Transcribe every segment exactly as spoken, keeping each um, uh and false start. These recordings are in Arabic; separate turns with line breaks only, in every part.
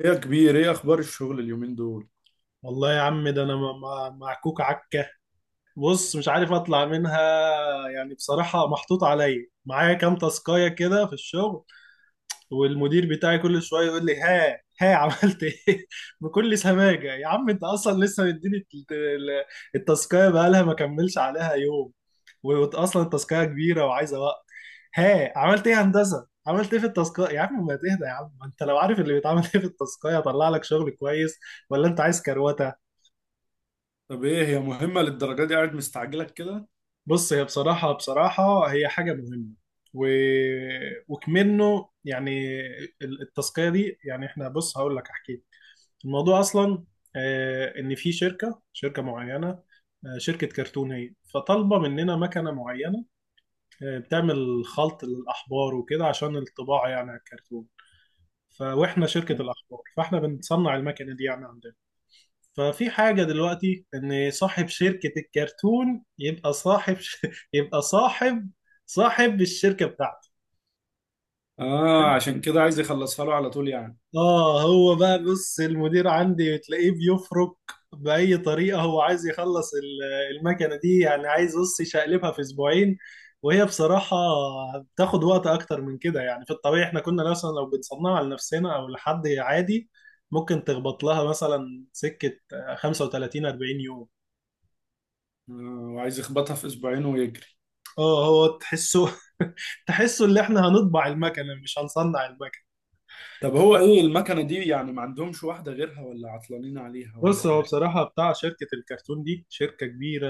ايه يا كبير، ايه اخبار الشغل اليومين دول؟
والله يا عم ده انا م- م- معكوك عكه. بص، مش عارف اطلع منها. يعني بصراحه محطوط عليا معايا كام تاسكايه كده في الشغل، والمدير بتاعي كل شويه يقول لي: ها ها، عملت ايه؟ بكل سماجه. يا عم انت اصلا لسه مديني الت- ال- التاسكايه، بقالها ما كملش عليها يوم، واصلا التاسكايه كبيره وعايزه وقت. ها عملت ايه يا هندسه، عملت ايه في التاسكايه؟ يا عم ما تهدى، يا عم ما انت لو عارف اللي بيتعمل ايه في التاسكايه هطلع لك شغل كويس، ولا انت عايز كروته؟
طب ايه هي مهمة للدرجة دي قاعد مستعجلك كده؟
بص هي بصراحة، بصراحة هي حاجة مهمة و... وكمنه يعني ال- التسقية دي. يعني احنا بص، هقول لك احكي لك الموضوع اصلا. آه، ان في شركة شركة معينة، آه، شركة كرتون، هي فطالبة مننا مكنة معينة، آه، بتعمل خلط للأحبار وكده عشان الطباعة يعني على الكرتون. ف... واحنا شركة الأحبار، فاحنا بنصنع المكنة دي يعني عندنا. ففي حاجة دلوقتي، إن صاحب شركة الكرتون يبقى صاحب ش... يبقى صاحب صاحب الشركة بتاعته.
اه، عشان كده عايز يخلصها له على طول يعني.
آه هو بقى، بص المدير عندي تلاقيه بيفرك. بأي طريقة هو عايز يخلص ال- المكنة دي، يعني عايز بص يشقلبها في أسبوعين. وهي بصراحة بتاخد وقت أكتر من كده، يعني في الطبيعي إحنا كنا مثلا لو بنصنعها لنفسنا أو لحد عادي ممكن تخبط لها مثلا سكة خمسة وتلاتين اربعين يوم.
آه، وعايز يخبطها في اسبوعين ويجري.
اه هو تحسه تحسه اللي احنا هنطبع المكنة، مش هنصنع المكنة.
طب هو ايه المكنة دي يعني؟ ما عندهمش واحدة غيرها ولا عطلانين عليها ولا
بص هو
ايه؟
بصراحة، بتاع شركة الكرتون دي شركة كبيرة،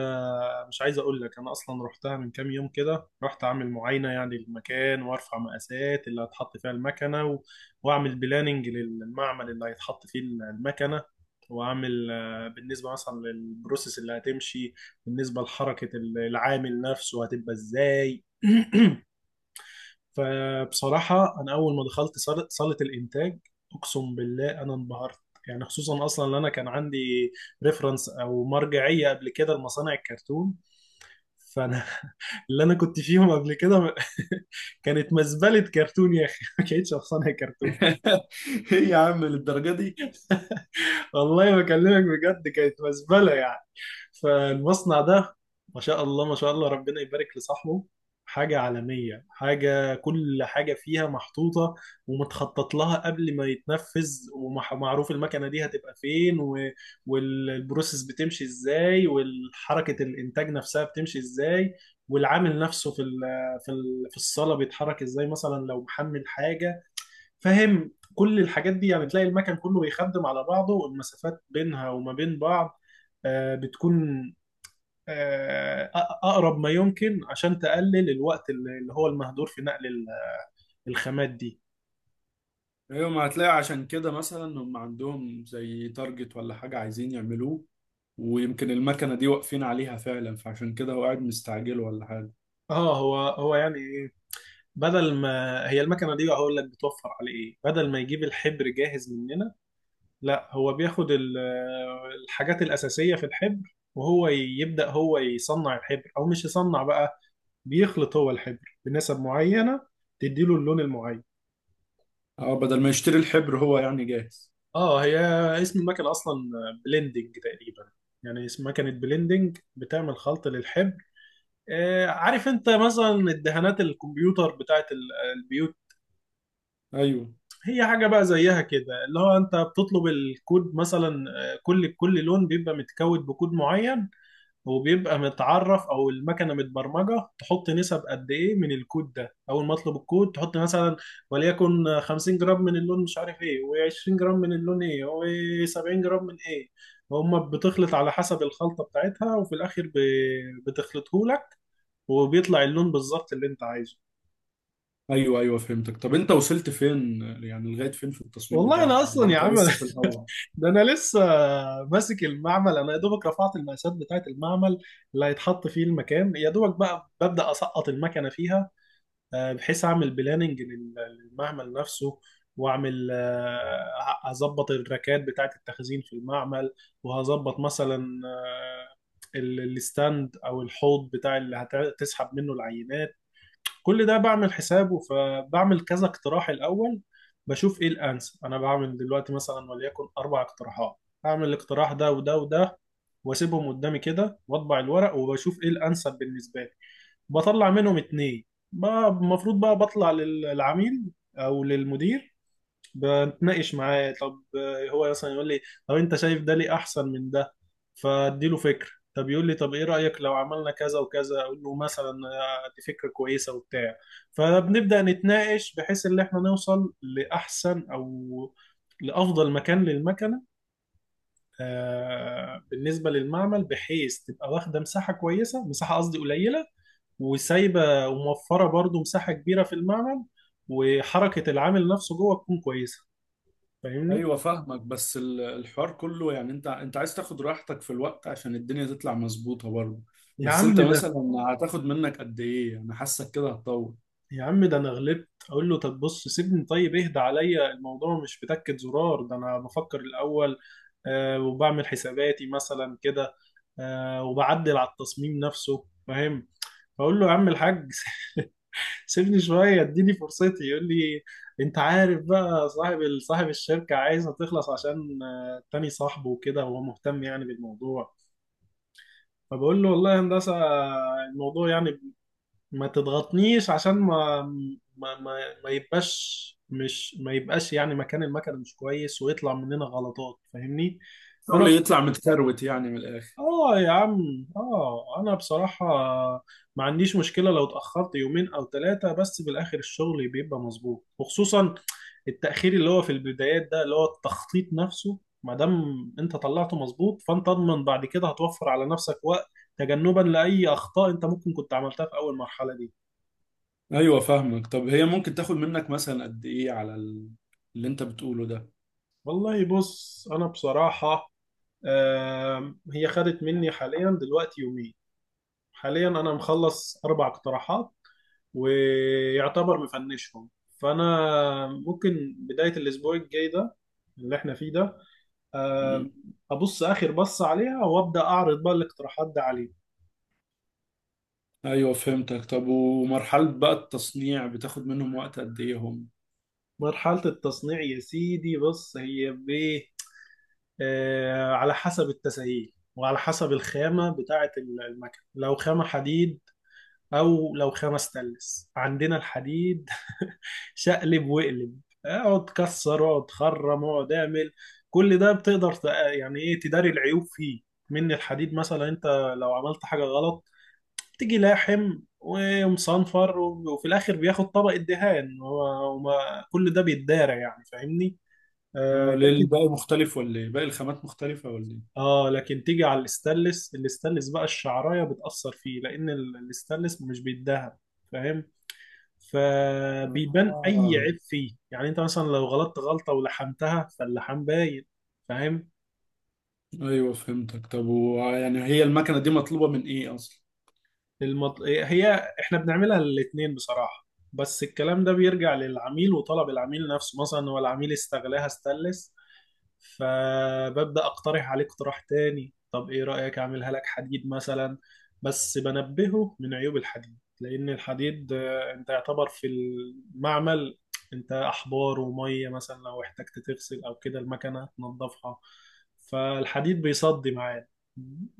مش عايز اقول لك. انا اصلا رحتها من كام يوم كده، رحت اعمل معاينة يعني للمكان، وارفع مقاسات اللي هتحط فيها المكنة، و... واعمل بلاننج للمعمل اللي هيتحط فيه المكنة، واعمل آه، بالنسبة مثلا للبروسيس اللي هتمشي، بالنسبة لحركة العامل نفسه هتبقى ازاي. فبصراحة أنا أول ما دخلت صالة صالة الإنتاج أقسم بالله أنا انبهرت. يعني خصوصا أصلا إن أنا كان عندي ريفرنس أو مرجعية قبل كده لمصانع الكرتون. فأنا اللي أنا كنت فيهم قبل كده كانت مزبلة كرتون يا أخي، ما كانتش مصانع كرتون.
ايه يا عم للدرجة دي؟
والله بكلمك بجد كانت مزبله يعني. فالمصنع ده ما شاء الله، ما شاء الله، ربنا يبارك لصاحبه. حاجه عالميه، حاجه كل حاجه فيها محطوطه ومتخطط لها قبل ما يتنفذ، ومعروف المكنه دي هتبقى فين و... والبروسيس بتمشي ازاي، والحركه الانتاج نفسها بتمشي ازاي، والعامل نفسه في ال... في ال... في الصاله بيتحرك ازاي، مثلا لو محمل حاجه. فاهم كل الحاجات دي؟ يعني تلاقي المكان كله بيخدم على بعضه، والمسافات بينها وما بين بعض آه، بتكون آه، أ- أقرب ما يمكن، عشان تقلل الوقت اللي اللي هو المهدور في نقل ال- الخامات دي.
ايوه، ما هتلاقي عشان كده مثلا هم عندهم زي تارجت ولا حاجة عايزين يعملوه. ويمكن المكنة دي واقفين عليها فعلا، فعشان كده هو قاعد مستعجل ولا حاجة؟
اه هو هو يعني ايه، بدل ما هي المكنه دي، هقول لك بتوفر على ايه. بدل ما يجيب الحبر جاهز مننا، لا هو بياخد ال- الحاجات الأساسية في الحبر، وهو يبدأ هو يصنع الحبر، او مش يصنع بقى، بيخلط هو الحبر بنسب معينة تديله اللون المعين.
اه، بدل ما يشتري الحبر هو يعني جاهز.
اه، هي اسم المكنة اصلا بلندنج تقريبا. يعني اسم مكنة بلندنج بتعمل خلط للحبر. آه عارف انت مثلا الدهانات الكمبيوتر بتاعت ال- البيوت؟
ايوه
هي حاجة بقى زيها كده، اللي هو انت بتطلب الكود مثلا. آه، كل كل لون بيبقى متكود بكود معين، وبيبقى متعرف او المكنه متبرمجه تحط نسب قد ايه من الكود ده. اول ما اطلب الكود تحط مثلا، وليكن خمسين جرام من اللون مش عارف ايه، و عشرين جرام من اللون ايه، و سبعين جرام من ايه. هما بتخلط على حسب الخلطه بتاعتها، وفي الاخر ب- بتخلطه لك، وبيطلع اللون بالظبط اللي انت عايزه.
ايوه ايوه، فهمتك. طب انت وصلت فين يعني، لغايه فين في التصميم
والله انا
بتاعها، ولا
اصلا يا
انت
عم
لسه في الاول؟
ده انا لسه ماسك المعمل. انا يا دوبك رفعت المقاسات بتاعت المعمل اللي هيتحط فيه المكان، يا دوبك بقى ببدأ اسقط المكنه فيها، آه، بحيث اعمل بلاننج للمعمل نفسه. واعمل آه، اظبط الركات بتاعه التخزين في المعمل، وهظبط مثلا، آه، ال- الستاند او الحوض بتاع اللي هتسحب منه العينات. كل ده بعمل حسابه، فبعمل كذا اقتراح الاول، بشوف ايه الانسب. انا بعمل دلوقتي مثلا وليكن اربع اقتراحات، اعمل الاقتراح ده وده وده، واسيبهم قدامي كده واطبع الورق، وبشوف ايه الانسب بالنسبه لي. بطلع منهم اتنين، بقى المفروض بقى بطلع للعميل او للمدير. بنتناقش معاه، طب آه، هو مثلا يقول لي: طب انت شايف ده ليه احسن من ده؟ فاديله فكره. طب يقول لي: طب ايه رايك لو عملنا كذا وكذا؟ اقول له مثلا آه، دي فكره كويسه وبتاع. فبنبدا نتناقش بحيث ان احنا نوصل لاحسن او لافضل مكان للمكنه. آه، بالنسبه للمعمل، بحيث تبقى واخده مساحه كويسه، مساحه قصدي قليله، وسايبه وموفره برضو مساحه كبيره في المعمل. وحركه العامل نفسه جوه تكون كويسه. فاهمني؟
ايوه فاهمك، بس ال- الحوار كله يعني، انت انت عايز تاخد راحتك في الوقت عشان الدنيا تطلع مظبوطه برضه.
يا
بس
عم
انت مثلا
ده
هتاخد منك قد ايه؟ انا حاسك كده هتطول.
يا عم ده انا غلبت اقول له: طب بص سيبني، طيب اهدى عليا، الموضوع مش بتكة زرار، ده انا بفكر الاول، آه وبعمل حساباتي مثلا كده، آه وبعدل على التصميم نفسه، فاهم. فاقول له: يا عم الحاج سيبني شويه، اديني فرصتي. يقول لي: انت عارف بقى صاحب صاحب الشركه عايزها تخلص عشان آه، تاني صاحبه، وكده هو مهتم يعني بالموضوع. فبقول له: والله يا هندسه الموضوع يعني ما تضغطنيش عشان ما ما ما, ما يبقاش مش ما يبقاش يعني مكان المكنه مش كويس ويطلع مننا غلطات. فاهمني؟
الشغل
فانا،
يطلع متكروت يعني من الاخر.
اه يا عم، اه انا بصراحة ما عنديش مشكلة لو اتأخرت يومين او ثلاثة، بس بالاخر الشغل بيبقى مظبوط. وخصوصا التأخير اللي هو في البدايات ده، اللي هو التخطيط نفسه، ما دام انت طلعته مظبوط فانت اضمن بعد كده هتوفر على نفسك وقت، تجنبا لأي اخطاء انت ممكن كنت عملتها في اول مرحلة دي.
ايوه فاهمك. طب هي ممكن تاخد منك مثلا قد ايه على ال- اللي انت بتقوله ده؟
والله بص انا بصراحة آم، هي خدت مني حاليا دلوقتي يومين. حاليا انا مخلص اربع اقتراحات، ويعتبر مفنشهم. فانا ممكن بدايه الاسبوع الجاي ده اللي احنا فيه ده
مم.
آه، ابص اخر بص عليها، وابدا اعرض بقى الاقتراحات ده عليه.
ايوه فهمتك. طب ومرحله بقى التصنيع بتاخد منهم وقت قد ايه هم؟
مرحله التصنيع يا سيدي، بص هي بايه آه، على حسب التسهيل وعلى حسب الخامه بتاعه المكن. لو خامه حديد، او لو خمس تلس. عندنا الحديد شقلب واقلب، اقعد كسر، اقعد خرم، اقعد اعمل، كل ده بتقدر تق- يعني ايه تداري العيوب فيه. من الحديد مثلا انت لو عملت حاجة غلط، تيجي لاحم ومصنفر، وفي الاخر بياخد طبقة دهان هو وما- كل ده بيتدارى يعني، فاهمني.
اه
آه
ليه
لكن،
الباقي مختلف ولا ايه؟ باقي الخامات مختلفة ولا ايه؟
اه لكن تيجي على الاستانلس، الاستانلس بقى الشعراية بتأثر فيه، لان ال- الاستانلس مش بيتدهن، فاهم. فبيبان اي
اه،
عيب فيه، يعني انت مثلا لو غلطت غلطه ولحمتها فاللحام باين، فاهم.
ايوه فهمتك. طب ويعني هي المكنة دي مطلوبة من ايه اصلا؟
المط... هي احنا بنعملها الاتنين بصراحه، بس الكلام ده بيرجع للعميل وطلب العميل نفسه. مثلا هو العميل استغلاها استلس، فببدأ أقترح عليه اقتراح تاني: طب إيه رأيك أعملها لك حديد مثلا؟ بس بنبهه من عيوب الحديد، لأن الحديد آه، أنت يعتبر في المعمل أنت أحبار ومية، مثلا لو احتجت تغسل أو كده المكنة تنظفها، فالحديد بيصدي معاه.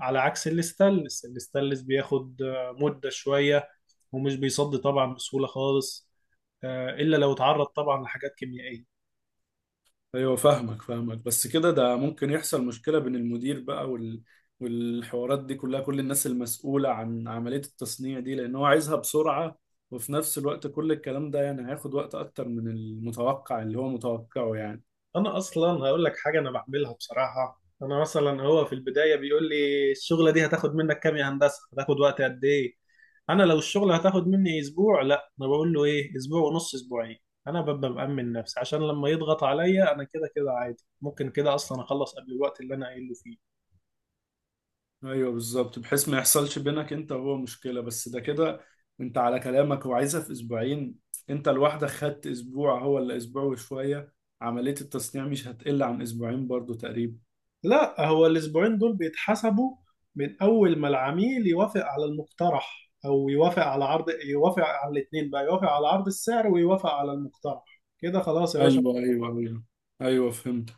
على عكس الاستانلس، الاستانلس بياخد آه، مدة شوية، ومش بيصدي طبعا بسهولة خالص، آه، إلا لو اتعرض طبعا لحاجات كيميائية.
ايوه فاهمك فاهمك. بس كده ده ممكن يحصل مشكلة بين المدير بقى وال... والحوارات دي كلها، كل الناس المسؤولة عن عملية التصنيع دي، لان هو عايزها بسرعة. وفي نفس الوقت كل الكلام ده يعني هياخد وقت اكتر من المتوقع اللي هو متوقعه يعني.
انا اصلا هقول لك حاجه انا بعملها بصراحه. انا مثلا هو في البدايه بيقول لي: الشغله دي هتاخد منك كام يا هندسه، هتاخد وقت قد ايه؟ انا لو الشغله هتاخد مني اسبوع، لا انا بقول له ايه اسبوع ونص، اسبوعين. انا ببقى مأمن نفسي عشان لما يضغط عليا انا كده كده عادي، ممكن كده اصلا اخلص قبل الوقت اللي انا قايله فيه.
ايوه بالظبط، بحيث ما يحصلش بينك انت وهو مشكله. بس ده كده انت على كلامك هو عايزها في اسبوعين. انت لوحدك خدت اسبوع، هو اللي اسبوع وشويه. عمليه التصنيع مش هتقل عن اسبوعين برضو تقريبا.
لا هو الاسبوعين دول بيتحسبوا من اول ما العميل يوافق على المقترح، او يوافق على عرض، يوافق على الاثنين بقى، يوافق على عرض السعر ويوافق على المقترح. كده خلاص يا باشا.
ايوه ايوه ايوه. ايوه فهمت.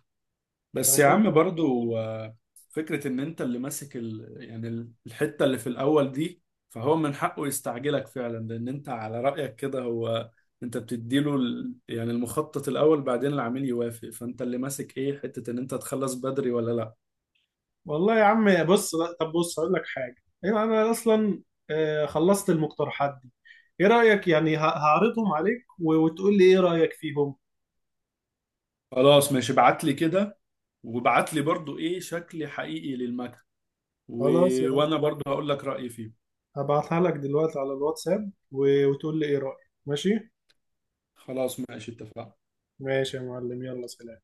بس يا عم
فاهم.
برضو آه، فكرة ان انت اللي ماسك ال... يعني ال- الحتة اللي في الاول دي، فهو من حقه يستعجلك فعلا. لان انت على رأيك كده، هو انت بتديله ال... يعني المخطط الاول بعدين العميل يوافق، فانت اللي ماسك ايه حتة ان انت تخلص بدري ولا لا.
والله يا عم بص، لا، طب بص هقول لك حاجه. ايوه انا اصلا آه، خلصت المقترحات دي. ايه رايك يعني ه- هعرضهم عليك و- وتقول لي ايه رايك فيهم.
خلاص ماشي، ابعت لي كده. وابعت لي برضو ايه شكل حقيقي للمكن و...
خلاص يا.
وانا برضو هقول لك رأيي فيه.
هبعتها لك دلوقتي على الواتساب و- وتقول لي ايه رايك. ماشي.
خلاص ماشي اتفقنا.
ماشي يا معلم، يلا سلام.